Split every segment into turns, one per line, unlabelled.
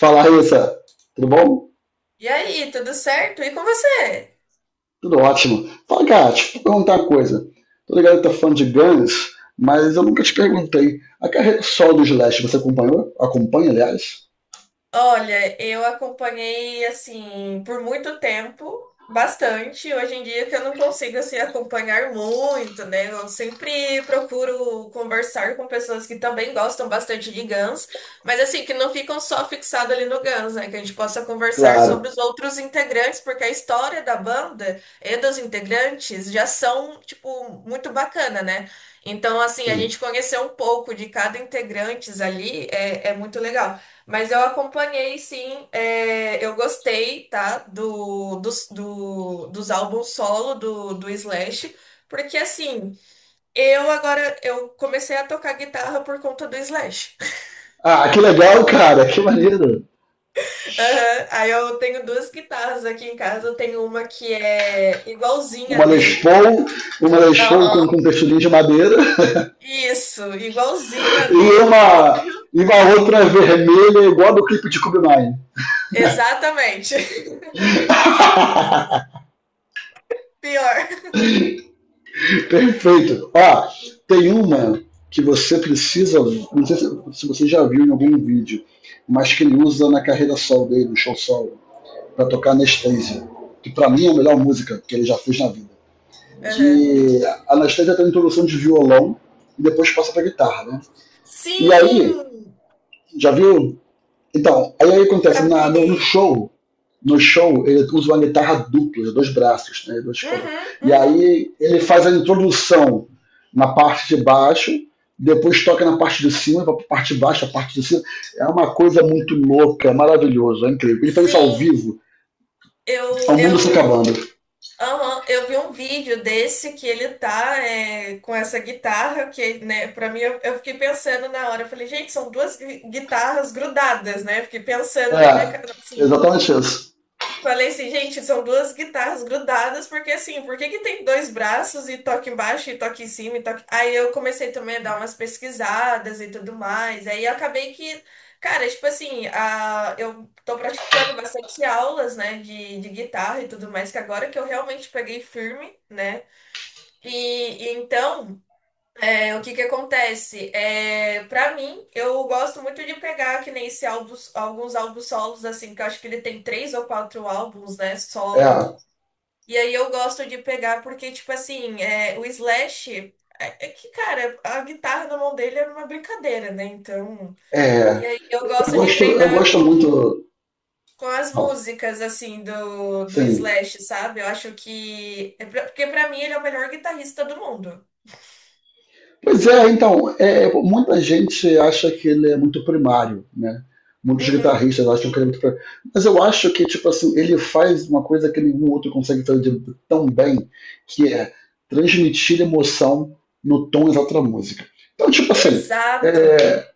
Fala, Raíssa. Tudo bom?
E aí, tudo certo? E com você?
Tudo ótimo. Fala, cara, deixa eu te perguntar uma coisa. Tô ligado que tá fã de Guns, mas eu nunca te perguntei. A carreira solo do Slash, você acompanhou? Acompanha, aliás?
Olha, eu acompanhei assim por muito tempo, bastante. Hoje em dia que eu não consigo assim acompanhar muito, né? Eu sempre procuro conversar com pessoas que também gostam bastante de Guns, mas assim que não ficam só fixadas ali no Guns, né? Que a gente possa conversar
Claro,
sobre os outros integrantes, porque a história da banda e dos integrantes já são tipo muito bacana, né? Então assim a
sim.
gente conhecer um pouco de cada integrante ali é muito legal. Mas eu acompanhei, sim, eu gostei, tá, dos álbuns solo do Slash, porque assim, eu agora, eu comecei a tocar guitarra por conta do Slash.
Ah, que legal, cara. Que maneiro.
Aham, aí eu tenho duas guitarras aqui em casa, eu tenho uma que é igualzinha
Uma Les
dele.
Paul, uma Les Paul com,
Aham.
com texturinho de madeira
Isso, igualzinha
e
dele,
uma,
óbvio.
e uma outra vermelha igual a do clipe de Cube Nine.
Exatamente. Pior.
Perfeito. Ó, tem uma que você precisa, não sei se, se você já viu em algum vídeo, mas que ele usa na carreira solo dele, no show solo, pra tocar Anastasia, que pra mim é a melhor música que ele já fez na vida.
Aham.
Que a Anastasia tem uma introdução de violão e depois passa pra guitarra, né? E aí,
Sim,
já viu? Então, aí, aí acontece,
já
na, no, no
vi.
show, no show ele usa uma guitarra dupla, de dois braços, né, dois cordas.
Uhum,
E
uhum.
aí ele faz a introdução na parte de baixo, depois toca na parte de cima, a parte de baixo, a parte de cima. É uma coisa muito louca, é maravilhoso, é incrível. Ele faz isso ao
Sim,
vivo, é
Eu,
o mundo se acabando.
eu, aham, eu vi um vídeo desse que ele tá com essa guitarra que, né, pra mim, eu fiquei pensando na hora, eu falei, gente, são duas guitarras grudadas, né? Eu fiquei pensando
É,
na minha cabeça,
exatamente isso.
falei assim, gente, são duas guitarras grudadas, porque assim, por que que tem dois braços e toque embaixo e toque em cima e toque. Aí eu comecei também a dar umas pesquisadas e tudo mais. Aí eu acabei que, cara, tipo assim, eu tô praticando bastante aulas, né, de guitarra e tudo mais, que agora que eu realmente peguei firme, né? E, e então. O que que acontece? Para mim, eu gosto muito de pegar que nem esse álbuns, alguns álbuns solos, assim, que eu acho que ele tem três ou quatro álbuns, né,
É,
solo. E aí eu gosto de pegar porque, tipo assim, o Slash, é que, cara, a guitarra na mão dele era uma brincadeira, né, então. E
é.
aí eu
Eu
gosto de
gosto, eu
treinar
gosto
com,
muito.
com as
Ó,
músicas, assim, do
sim.
Slash, sabe? Eu acho que... é pra- Porque pra mim ele é o melhor guitarrista do mundo.
Pois é, então, é, muita gente acha que ele é muito primário, né? Muitos
Uhum.
guitarristas acham que ele é muito primário. Mas eu acho que, tipo assim, ele faz uma coisa que nenhum outro consegue fazer tão bem, que é transmitir emoção no tom exato da música. Então, tipo assim,
Exato.
é,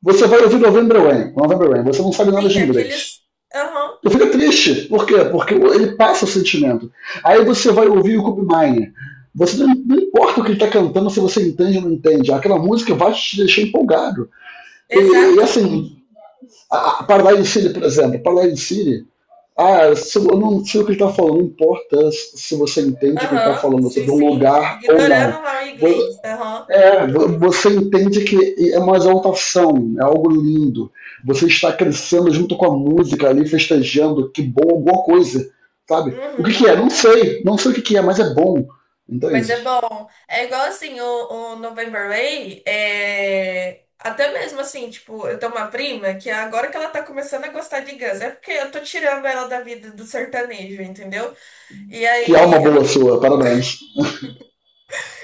você vai ouvir November Rain, November Rain, você não sabe nada
Sim,
de inglês.
aqueles. Aham,
Tu fica triste. Por quê? Porque ele passa o sentimento. Aí você vai
sim,
ouvir o Kobe Mine. Você não importa o que ele está cantando, se você entende ou não entende. Aquela música vai te deixar empolgado. E
exato.
assim, a Paradise City, por exemplo, Paradise City, ah, se, eu não sei o que ele está falando, não importa se você entende o que ele está
Aham,
falando, se é
sim,
de um
sim.
lugar ou não.
Ignorando lá o inglês. Aham,
É, você entende que é uma exaltação, é algo lindo. Você está crescendo junto com a música ali, festejando, que bom, alguma coisa, sabe? O que,
uhum.
que é? Não sei, não sei o que, que é, mas é bom,
Mas
entende?
é bom. É igual assim, o November Rain, até mesmo assim, tipo, eu tenho uma prima que agora que ela tá começando a gostar de Guns, é porque eu tô tirando ela da vida do sertanejo, entendeu? E
Que alma
aí,
boa sua, parabéns.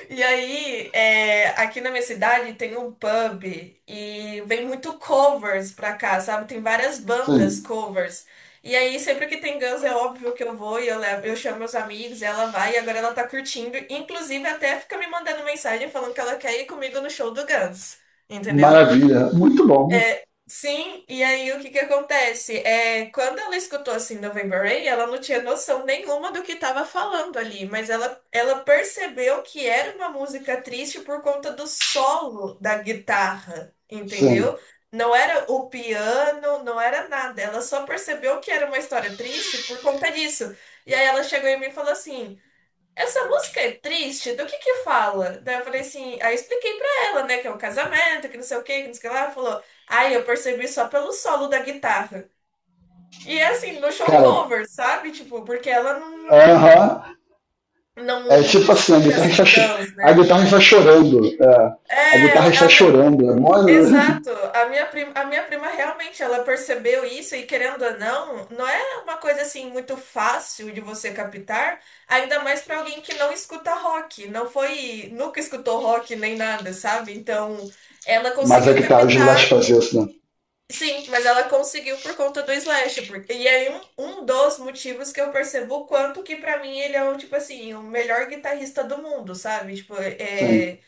E aí, aqui na minha cidade tem um pub e vem muito covers pra cá, sabe? Tem várias bandas
Sim,
covers. E aí, sempre que tem Guns, é óbvio que eu vou e eu levo, eu chamo meus amigos, ela vai e agora ela tá curtindo. Inclusive, até fica me mandando mensagem falando que ela quer ir comigo no show do Guns. Entendeu?
maravilha, muito bom.
É, sim, e aí o que que acontece? Quando ela escutou assim November Rain, ela não tinha noção nenhuma do que estava falando ali, mas ela percebeu que era uma música triste por conta do solo da guitarra,
Sim,
entendeu? Não era o piano, não era nada. Ela só percebeu que era uma história triste por conta disso. E aí ela chegou em mim e falou assim. Essa música é triste? Do que fala? Daí eu falei assim, aí eu expliquei pra ela, né, que é um casamento, que não sei o que, que não sei o que lá. Ela falou, ai, eu percebi só pelo solo da guitarra. E é assim, no show
cara,
cover, sabe? Tipo, porque ela não,
aham, é
não
tipo assim, a
escuta
guitarra está,
assim Guns,
a
né?
guitarra está chorando, é, a guitarra
Ela,
está
ela.
chorando, é mó...
Exato. A minha prima realmente ela percebeu isso e querendo ou não, não é uma coisa assim muito fácil de você captar, ainda mais para alguém que não escuta rock, não foi, nunca escutou rock nem nada, sabe? Então, ela
mas a
conseguiu
guitarra de Last
captar,
faz isso, né?
sim, mas ela conseguiu por conta do Slash, e aí um dos motivos que eu percebo o quanto que para mim ele é o tipo assim, o melhor guitarrista do mundo, sabe? Tipo,
Sim,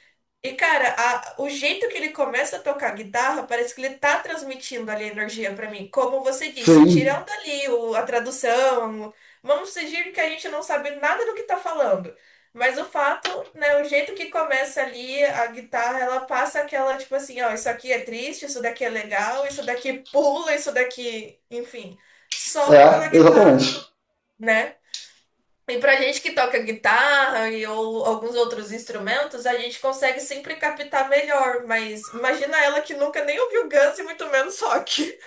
e, cara, o jeito que ele começa a tocar guitarra, parece que ele tá transmitindo ali a energia pra mim. Como você disse,
sim.
tirando ali a tradução, vamos fingir que a gente não sabe nada do que tá falando. Mas o fato, né, o jeito que começa ali a guitarra, ela passa aquela, tipo assim, ó, isso aqui é triste, isso daqui é legal, isso daqui pula, isso daqui, enfim, só
É,
pela
exatamente.
guitarra, né? E pra gente que toca guitarra e ou alguns outros instrumentos, a gente consegue sempre captar melhor, mas imagina ela que nunca nem ouviu Guns e muito menos rock.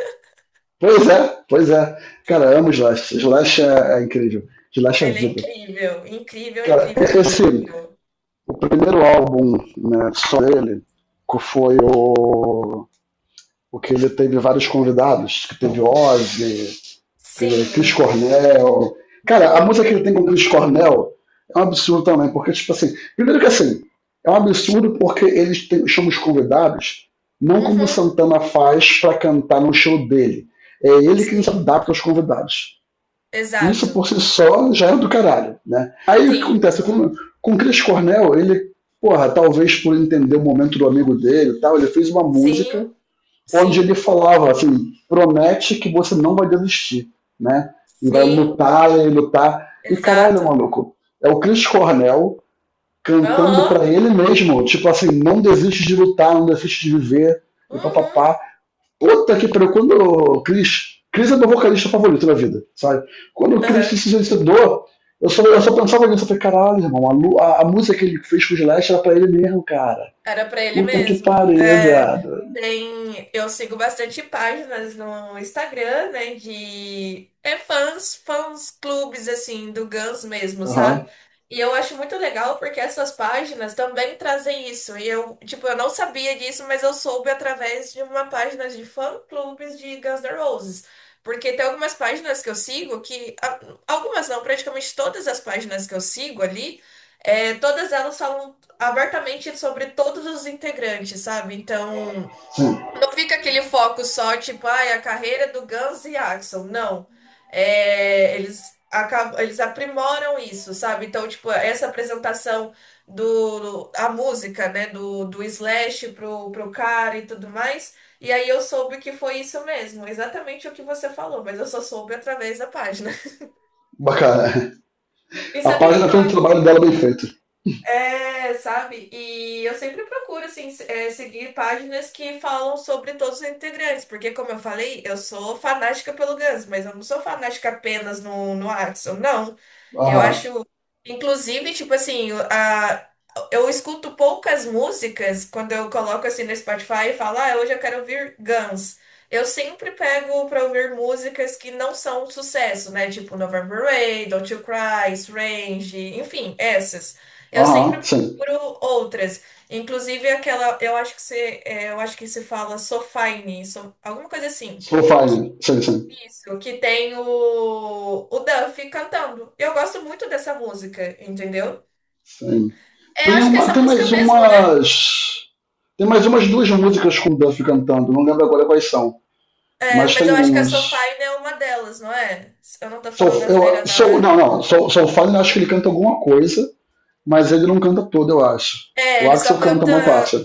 Pois é, pois é. Cara, amo Slash. Slash é, é incrível. Slash é
Ele é
vida.
incrível, incrível,
Cara,
incrível,
esse,
incrível.
o primeiro álbum né, só dele que foi o que ele teve vários convidados, que teve Ozzy, Chris
Sim.
Cornell. Cara, a
Uhum,
música que ele tem com o Chris Cornell é um absurdo também, porque, tipo assim, primeiro que assim, é um absurdo porque eles têm, chamam os convidados não como o
uhum.
Santana faz para cantar no show dele. É ele quem se
Sim,
adapta aos convidados. Isso por
exato.
si só já é do caralho, né? Aí o que
Sim,
acontece? Com o Chris Cornell, ele, porra, talvez por entender o momento do amigo dele e tal, ele fez uma
sim,
música onde ele
sim,
falava assim, promete que você não vai desistir, né? E vai
sim,
lutar e lutar. E caralho,
exato.
maluco, é o Chris Cornell cantando
Aham,
para ele mesmo, tipo assim, não desiste de lutar, não desiste de viver, e
uhum,
papapá. Puta que pariu, quando o Chris. Chris é meu vocalista favorito da vida, sabe? Quando o Chris se
aham.
suicidou, eu só pensava nisso, eu falei, caralho, irmão, a música que ele fez com o Slash era pra ele mesmo, cara.
Era pra ele
Puta que
mesmo.
pariu, viado.
Eu sigo bastante páginas no Instagram, né, de fãs clubes assim do Guns mesmo,
Aham, uhum,
sabe? E eu acho muito legal porque essas páginas também trazem isso. E eu, tipo, eu não sabia disso, mas eu soube através de uma página de fã clubes de Guns N' Roses. Porque tem algumas páginas que eu sigo que algumas não, praticamente todas as páginas que eu sigo ali todas elas falam abertamente sobre todos os integrantes, sabe? Então,
sim.
não fica aquele foco só, tipo, ai, a carreira do Guns e Axl. Não. Eles, acabam, eles aprimoram isso, sabe? Então, tipo, essa apresentação do, a música, né, do Slash pro cara e tudo mais. E aí eu soube que foi isso mesmo, exatamente o que você falou, mas eu só soube através da página.
Bacana.
E
A
sabe o que
página
que eu.
fez o trabalho dela bem feito.
Sabe? E eu sempre procuro, assim, seguir páginas que falam sobre todos os integrantes, porque, como eu falei, eu sou fanática pelo Guns, mas eu não sou fanática apenas no Axl, não. Eu
Aham,
acho, inclusive, tipo assim, eu escuto poucas músicas quando eu coloco, assim, no Spotify e falo, ah, hoje eu quero ouvir Guns. Eu sempre pego pra ouvir músicas que não são um sucesso, né? Tipo November Rain, Don't You Cry, Strange, enfim, essas. Eu sempre
aham, sim.
procuro outras. Inclusive aquela, eu acho que se fala Sofine, alguma coisa assim.
Profile, sim, sim,
Isso, que tem o Duffy cantando. Eu gosto muito dessa música, entendeu?
sim.
É,
Tem,
acho que é
uma,
essa
tem
música
mais
mesmo, né?
umas. Tem mais umas duas músicas com o Duff cantando, não lembro agora quais são,
É,
mas
mas eu
tem
acho que a
umas.
Sofine é uma delas, não é? Eu não tô falando
Soul, eu,
asneira, não,
Soul,
né?
não, não, Soul, Soulfire eu acho que ele canta alguma coisa, mas ele não canta toda, eu acho.
É,
O
ele
Axel
só
canta
canta.
uma parte.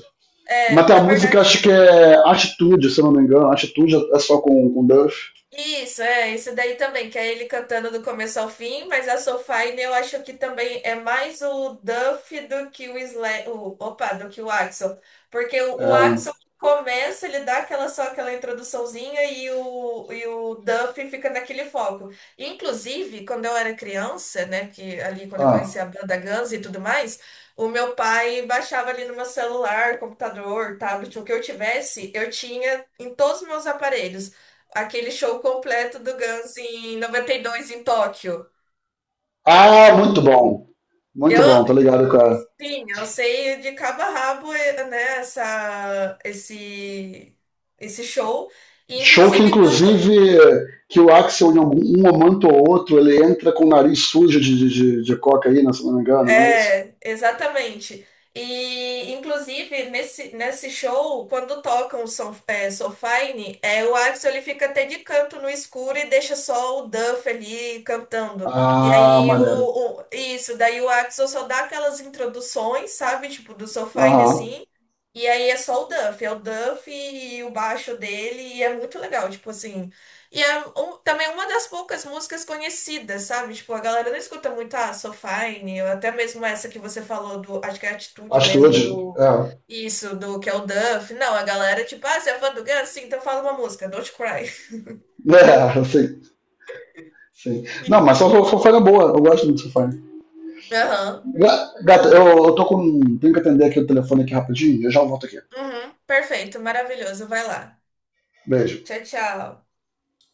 Mas
É,
tem a
na
música,
verdade.
acho que é Atitude, se eu não me engano, Atitude é só com Duff.
Isso, isso daí também, que é ele cantando do começo ao fim, mas a Soulfly eu acho que também é mais o Duff do que o Sla o, opa, do que o Axl, porque o,
É,
o Axl começa, ele dá aquela só aquela introduçãozinha e o Duff fica naquele foco. Inclusive, quando eu era criança, né, que ali quando eu conheci
ah,
a banda Guns e tudo mais, o meu pai baixava ali no meu celular, computador, tablet, o que eu tivesse, eu tinha em todos os meus aparelhos aquele show completo do Guns em 92 em Tóquio.
Ah, muito bom. Muito bom,
Eu,
tô ligado, cara.
sim, eu sei de cabo a rabo, né, esse show. E,
Show que,
inclusive.
inclusive, que o Axel, em algum- um momento ou outro, ele entra com o nariz sujo de cocaína, se não me engano, não é isso?
É, exatamente. E, inclusive, nesse show, quando tocam o Axl ele fica até de canto no escuro e deixa só o Duff ali cantando. E
Ah,
aí,
maneiro.
isso, daí o Axl só dá aquelas introduções, sabe? Tipo, do So
Aham.
assim. E aí é só o Duff, é o Duff e o baixo dele, e é muito legal, tipo assim. E é também uma das poucas músicas conhecidas, sabe? Tipo, a galera não escuta muito, ah, So Fine, ou até mesmo essa que você falou do, acho que é a atitude mesmo
Atitude.
do,
É.
isso, do que é o Duff. Não, a galera, tipo, ah, você é fã do Guns? Sim, então fala uma música, Don't Cry.
É, sim, sim. Não,
E-
mas só Fofana é boa. Eu gosto muito de Fofana.
Aham.
Gata, eu tô com. Tenho que atender aqui o telefone aqui rapidinho. Eu já volto aqui.
Uhum, perfeito, maravilhoso, vai lá.
Beijo.
Tchau, tchau.